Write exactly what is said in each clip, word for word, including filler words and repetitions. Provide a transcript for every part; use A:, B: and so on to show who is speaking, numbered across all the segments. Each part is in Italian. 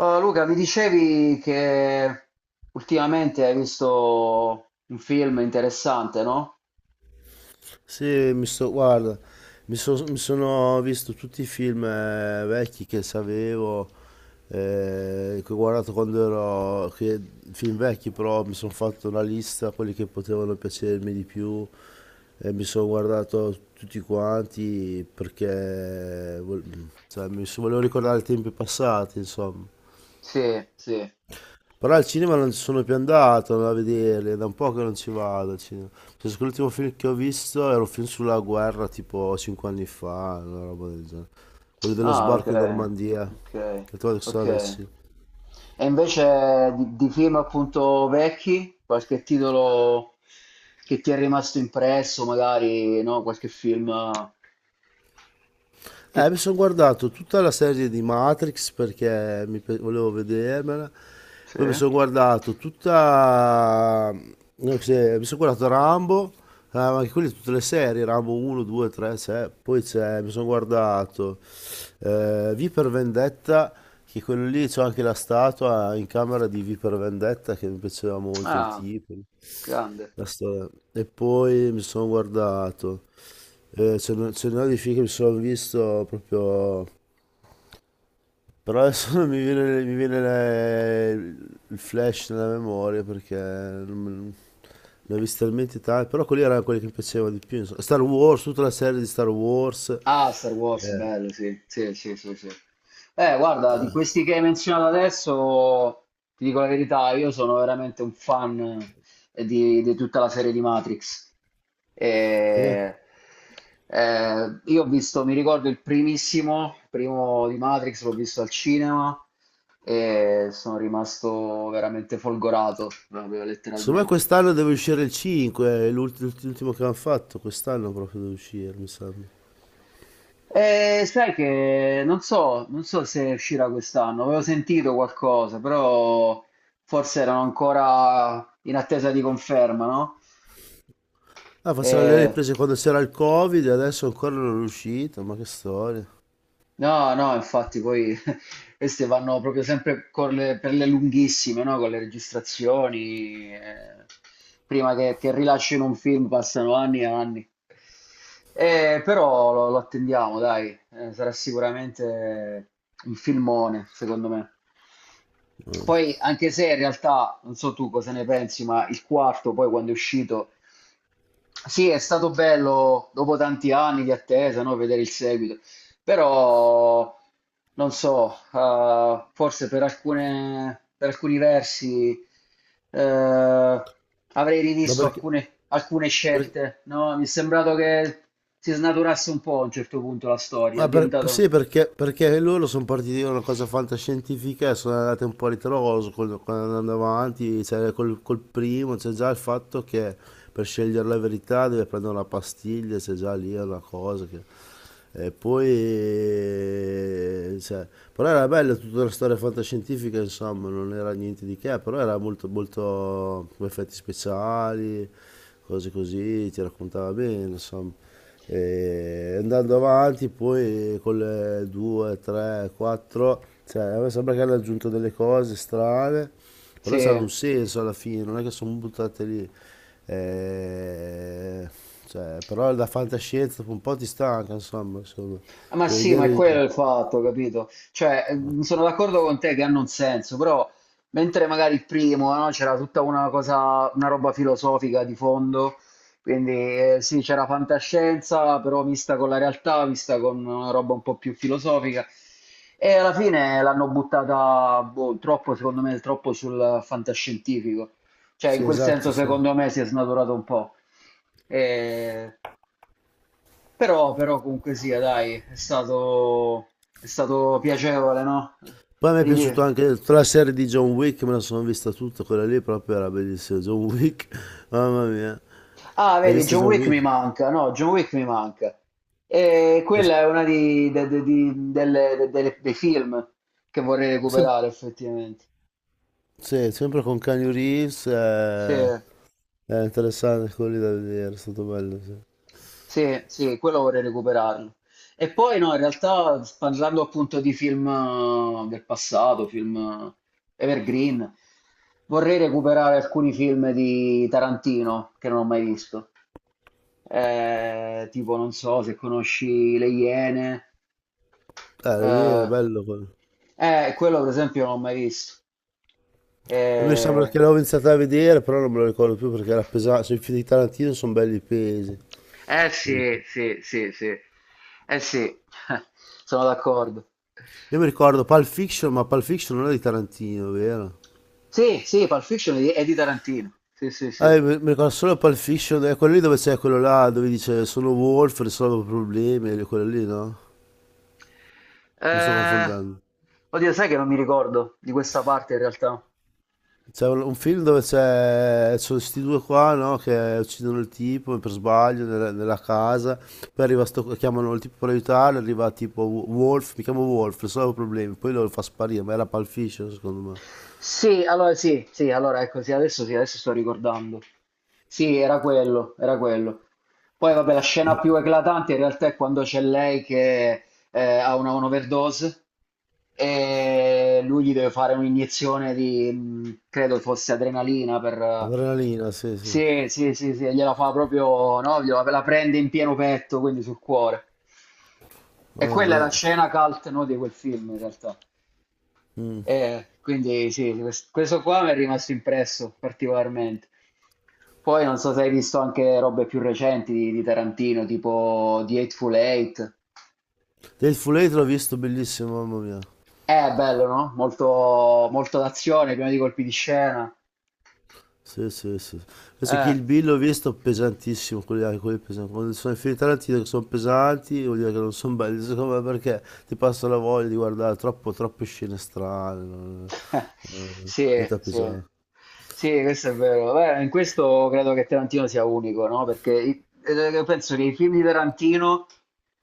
A: Oh, Luca, mi dicevi che ultimamente hai visto un film interessante, no?
B: Sì, mi sto, guarda, mi, so- mi sono visto tutti i film eh, vecchi che sapevo, eh, che ho guardato quando ero, che, film vecchi. Però mi sono fatto una lista, quelli che potevano piacermi di più, e mi sono guardato tutti quanti perché vol- cioè, mi so- volevo ricordare i tempi passati, insomma.
A: Sì, sì.
B: Però al cinema non ci sono più andato a vederli, è da un po' che non ci vado al cinema. Penso che l'ultimo film che ho visto era un film sulla guerra tipo cinque anni fa, una roba del genere. Quello dello
A: Ah, ok,
B: sbarco in Normandia,
A: ok,
B: che trovo che
A: ok.
B: sono andato al cinema.
A: E invece di, di film appunto vecchi, qualche titolo che ti è rimasto impresso, magari, no? Qualche film che...
B: Eh, mi sono guardato tutta la serie di Matrix perché mi pe- volevo vedermela. Poi mi
A: Sì.
B: sono guardato tutta, no, cos'è, mi sono guardato Rambo, eh, ma anche quelle tutte le serie, Rambo uno, due, tre, c'è. Poi c'è, mi sono guardato. Eh, V per Vendetta, che quello lì c'ho anche la statua in camera di V per Vendetta, che mi piaceva molto il
A: Ah,
B: tipo.
A: grande.
B: La storia. E poi mi sono guardato. Eh, ce n'è ce n'è di film che mi sono visto proprio. Però adesso non mi viene, mi viene le- il flash nella memoria, perché non me- ne ho visti talmente tanti. Però quelli erano quelli che mi piacevano di più, insomma. Star Wars, tutta la serie di Star Wars.
A: Ah, Star Wars,
B: Eh,
A: bello, sì, sì, sì, sì, sì. Eh, guarda, di questi che hai menzionato adesso, ti dico la verità, io sono veramente un fan eh, di, di tutta la serie di Matrix.
B: sì.
A: E, eh, io ho visto, mi ricordo il primissimo, il primo di Matrix, l'ho visto al cinema e sono rimasto veramente folgorato, proprio
B: Secondo me
A: letteralmente.
B: quest'anno deve uscire il cinque, è l'ult- l'ultimo che hanno fatto, quest'anno proprio deve uscire, mi sembra.
A: Eh, sai che non so, non so se uscirà quest'anno, avevo sentito qualcosa, però forse erano ancora in attesa di conferma, no?
B: Ah, facevano le
A: Eh,
B: riprese quando c'era il Covid e adesso ancora non è uscito, ma che storia.
A: No, no, infatti poi queste vanno proprio sempre con le- per le lunghissime, no? Con le registrazioni. Eh, prima che, che rilascino un film passano anni e anni. Eh, però lo, lo attendiamo, dai. Eh, sarà sicuramente un filmone, secondo me.
B: Eh.
A: Poi, anche se in realtà, non so tu cosa ne pensi, ma il quarto, poi quando è uscito sì, è stato bello dopo tanti anni di attesa, no, vedere il seguito, però non so, eh, forse per alcune- per alcuni versi eh, avrei
B: Ma
A: rivisto
B: perché,
A: alcune, alcune
B: per-
A: scelte, no? Mi è sembrato che si snaturasse un po' a un certo punto la storia, è
B: Ma per- Sì,
A: diventato...
B: perché, perché loro sono partiti da una cosa fantascientifica e sono andati un po' a ritroso, con- con- andando avanti, cioè, col, col primo, c'è già il fatto che per scegliere la verità deve prendere una pastiglia, c'è già lì una cosa che. E poi, cioè, però era bella tutta la storia fantascientifica, insomma, non era niente di che, però era molto, molto effetti speciali, cose così, ti raccontava bene, insomma. E andando avanti poi con le due, tre, quattro, cioè a me sembra che hanno aggiunto delle cose strane, però hanno
A: Sì.
B: un senso alla fine, non è che sono buttate lì. Eh, cioè, però la fantascienza dopo un po' ti stanca, insomma, insomma.
A: Ah, ma
B: Devi
A: sì, ma
B: vedere
A: è
B: i-
A: quello il fatto, capito? Cioè, ehm, sono d'accordo con te che hanno un senso, però mentre magari il primo, no, c'era tutta una cosa, una roba filosofica di fondo, quindi eh, sì, c'era fantascienza, però vista con la realtà, vista con una roba un po' più filosofica, e alla fine l'hanno buttata, boh, troppo, secondo me, troppo sul fantascientifico. Cioè, in
B: Sì,
A: quel senso,
B: esatto, sì.
A: secondo me, si è snaturato un po'. E però, però comunque sia, dai, è stato, è stato piacevole, no?
B: Poi mi è
A: Rivi-
B: piaciuto anche tutta la serie di John Wick, me la sono vista tutta, quella lì proprio era bellissima, John Wick, mamma mia.
A: Ah,
B: L'hai
A: vedi,
B: vista
A: John
B: John
A: Wick mi
B: Wick?
A: manca, no, John Wick mi manca. E
B: Eh,
A: quella è una di, de- de- di- delle- de- delle- dei film che vorrei
B: sì,
A: recuperare, effettivamente.
B: sì, sempre con Keanu Reeves, eh,
A: Sì.
B: era interessante quello lì da vedere, è stato bello, sì.
A: Sì, sì, quello vorrei recuperarlo. E poi no, in realtà parlando appunto di film eh, del passato, film eh, evergreen, vorrei recuperare alcuni film di Tarantino che non ho mai visto. Eh, tipo, non so se conosci Le Iene.
B: Eh, lì è
A: Eh,
B: bello quello.
A: eh, Quello per esempio non l'ho mai visto.
B: Io mi sembra
A: Eh,
B: che l'avevo iniziato a vedere, però non me lo ricordo più perché era pesante, cioè, i film di Tarantino sono belli pesi.
A: eh
B: Quindi-
A: sì, sì, sì, sì. Eh sì, sono d'accordo.
B: Io mi ricordo Pulp Fiction, ma Pulp Fiction non è di Tarantino, vero?
A: Sì, sì, Pulp Fiction è di è di Tarantino. Sì, sì,
B: Ah,
A: sì.
B: io mi mi ricordo solo Pulp Fiction, è quello lì dove c'è quello là, dove dice sono Wolf, risolvo problemi, quello lì, no? Mi sto
A: Eh,
B: confondendo.
A: oddio, sai che non mi ricordo di questa parte in realtà.
B: C'è un, un film dove c'è sono questi due qua, no, che uccidono il tipo per sbaglio nella, nella casa, poi arriva sto, chiamano il tipo per aiutarlo, arriva tipo Wo- Wolf, mi chiamo Wolf, risolvo problemi, poi lo fa sparire, ma era Pulp Fiction secondo me.
A: Sì, allora sì, sì, allora ecco, sì, adesso sì, adesso sto ricordando. Sì, era quello, era quello. Poi vabbè, la scena più eclatante in realtà è quando c'è lei che eh, ha una un'overdose e lui gli deve fare un'iniezione di, mh, credo fosse adrenalina per...
B: Adrenalina, sì, sì.
A: Sì, sì, sì, sì, gliela fa proprio, no? Gliela, la prende in pieno petto, quindi sul cuore. E
B: Mamma
A: quella è
B: mia.
A: la scena cult, no, di quel film in realtà.
B: Mm.
A: Eh, quindi sì, quest- questo qua mi è rimasto impresso particolarmente. Poi non so se hai visto anche robe più recenti di, di Tarantino, tipo The Hateful Eight.
B: Full Eight l'ho visto, bellissimo, mamma mia.
A: Eh, bello, no? Molto, molto d'azione, pieno di colpi di scena.
B: Sì, sì, sì. Adesso
A: Eh.
B: Kill Bill l'ho visto pesantissimo, quelli, anche quelli pesanti. Quando sono i film di Tarantino che sono pesanti, vuol dire che non sono belli, secondo me, perché ti passa la voglia di guardare troppo, troppe scene strane, non-
A: Sì,
B: diventa
A: sì,
B: pesante.
A: sì, questo è vero. Beh, in questo credo che Tarantino sia unico, no? Perché i- eh, penso che i film di Tarantino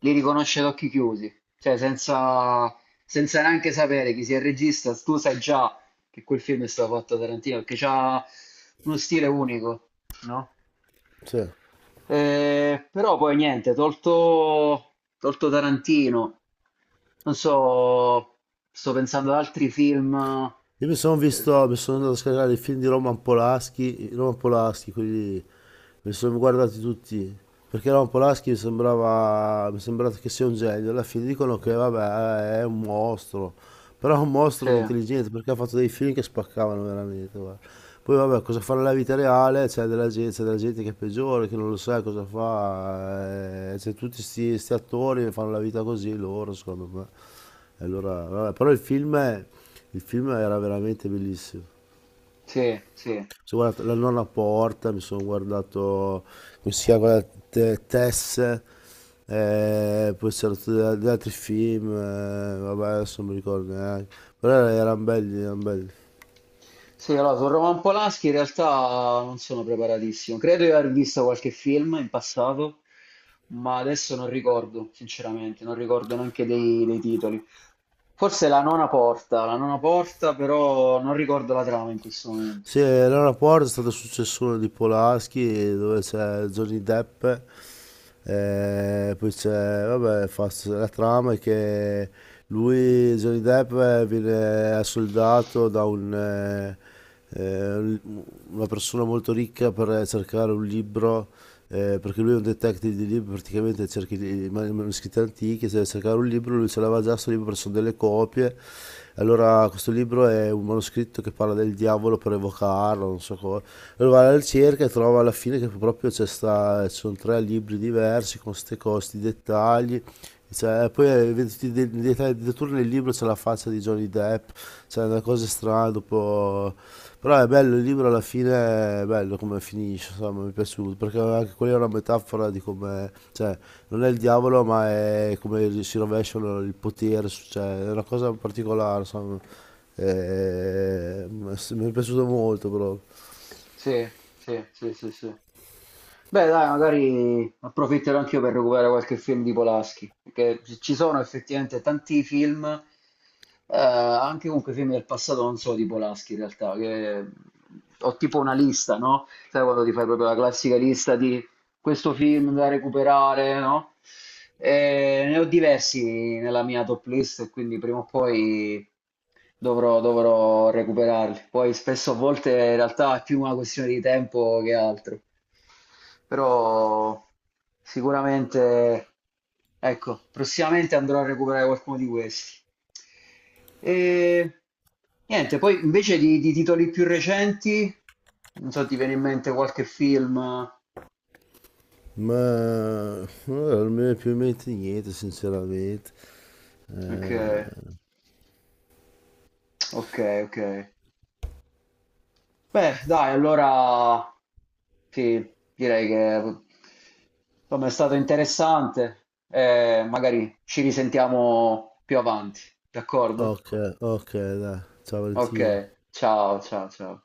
A: li riconosce ad occhi chiusi, cioè senza, senza neanche sapere chi sia il regista, tu sai già che quel film è stato fatto da Tarantino, perché c'ha uno stile unico, no?
B: Sì.
A: Eh, però poi niente, tolto, tolto Tarantino, non so, sto pensando ad altri film.
B: Io mi sono
A: Eh,
B: visto, mi sono andato a scaricare i film di Roman Polanski, Roman Polanski, quelli mi sono guardati tutti, perché Ron Polaschi mi sembrava mi sembrava che sia un genio. Alla fine dicono che, vabbè, è un mostro, però è un mostro
A: Sì,
B: di intelligenza, perché ha fatto dei film che spaccavano veramente, guarda. Poi, vabbè, cosa fa nella vita reale, c'è della gente, c'è della gente che è peggiore, che non lo sa cosa fa, eh, c'è tutti questi attori che fanno la vita così, loro secondo me. E allora vabbè, però il film è- il film era veramente bellissimo.
A: sì, sì.
B: Sono guardato la nonna porta, mi sono guardato, come si chiama, quella te- Tess, eh, poi c'erano tutti gli altri film, eh, vabbè, adesso non mi ricordo neanche, però erano belli, erano belli.
A: Sì, allora, su Roman Polanski in realtà non sono preparatissimo. Credo di aver visto qualche film in passato, ma adesso non ricordo, sinceramente, non ricordo neanche dei, dei titoli. Forse La nona porta, La nona porta, però non ricordo la trama in questo momento.
B: Sì, Elena Porte è stata successore di Polaschi, dove c'è Johnny Depp, eh, poi c'è, vabbè, fa- la trama è che lui, Johnny Depp, eh, viene assoldato da un, eh, eh, un- una persona molto ricca, per cercare un libro, eh, perché lui è un detective di libri, praticamente cerca i i manoscritti antichi. Se deve cercare un libro, lui ce l'aveva già sto libro, perché sono delle copie. Allora questo libro è un manoscritto che parla del diavolo, per evocarlo, non so cosa. Allora va alla ricerca e trova alla fine che proprio c'è sta, ci sono tre libri diversi con queste costi, dettagli. Cioè, poi, eh, vedi tutti i de- i dettagli. Addirittura nel libro c'è la faccia di Johnny Depp, c'è una cosa strana. Tipo- Però è bello, il libro alla fine è bello come finisce, insomma, mi è piaciuto, perché anche quella è una metafora di come, cioè, non è il diavolo, ma è come si rovesciano il potere, su- cioè, è una cosa particolare, insomma. Eh, ma s- mi è piaciuto molto, però.
A: Sì, sì, sì, sì, sì. Beh, dai, magari approfitterò anch'io per recuperare qualche film di Polanski, perché ci ci sono effettivamente tanti film, eh, anche comunque film del passato, non solo di Polanski in realtà, che ho tipo una lista, no? Sai quando ti fai proprio la classica lista di questo film da recuperare, no? Eh, ne ho diversi nella mia top list, quindi prima o poi dovrò, dovrò recuperarli. Poi spesso a volte in realtà è più una questione di tempo che altro, però sicuramente, ecco, prossimamente andrò a recuperare qualcuno di questi. E niente, poi invece di, di titoli più recenti, non so, ti viene in mente qualche film?
B: Ma eh, non mi viene più in mente niente, sinceramente.
A: Ok,
B: Eh,
A: ok, ok. Beh, dai, allora sì, direi che insomma è stato interessante. Eh, magari ci risentiamo più avanti, d'accordo?
B: ok, ok, dai, ciao
A: Ok,
B: Valentino.
A: ciao, ciao, ciao.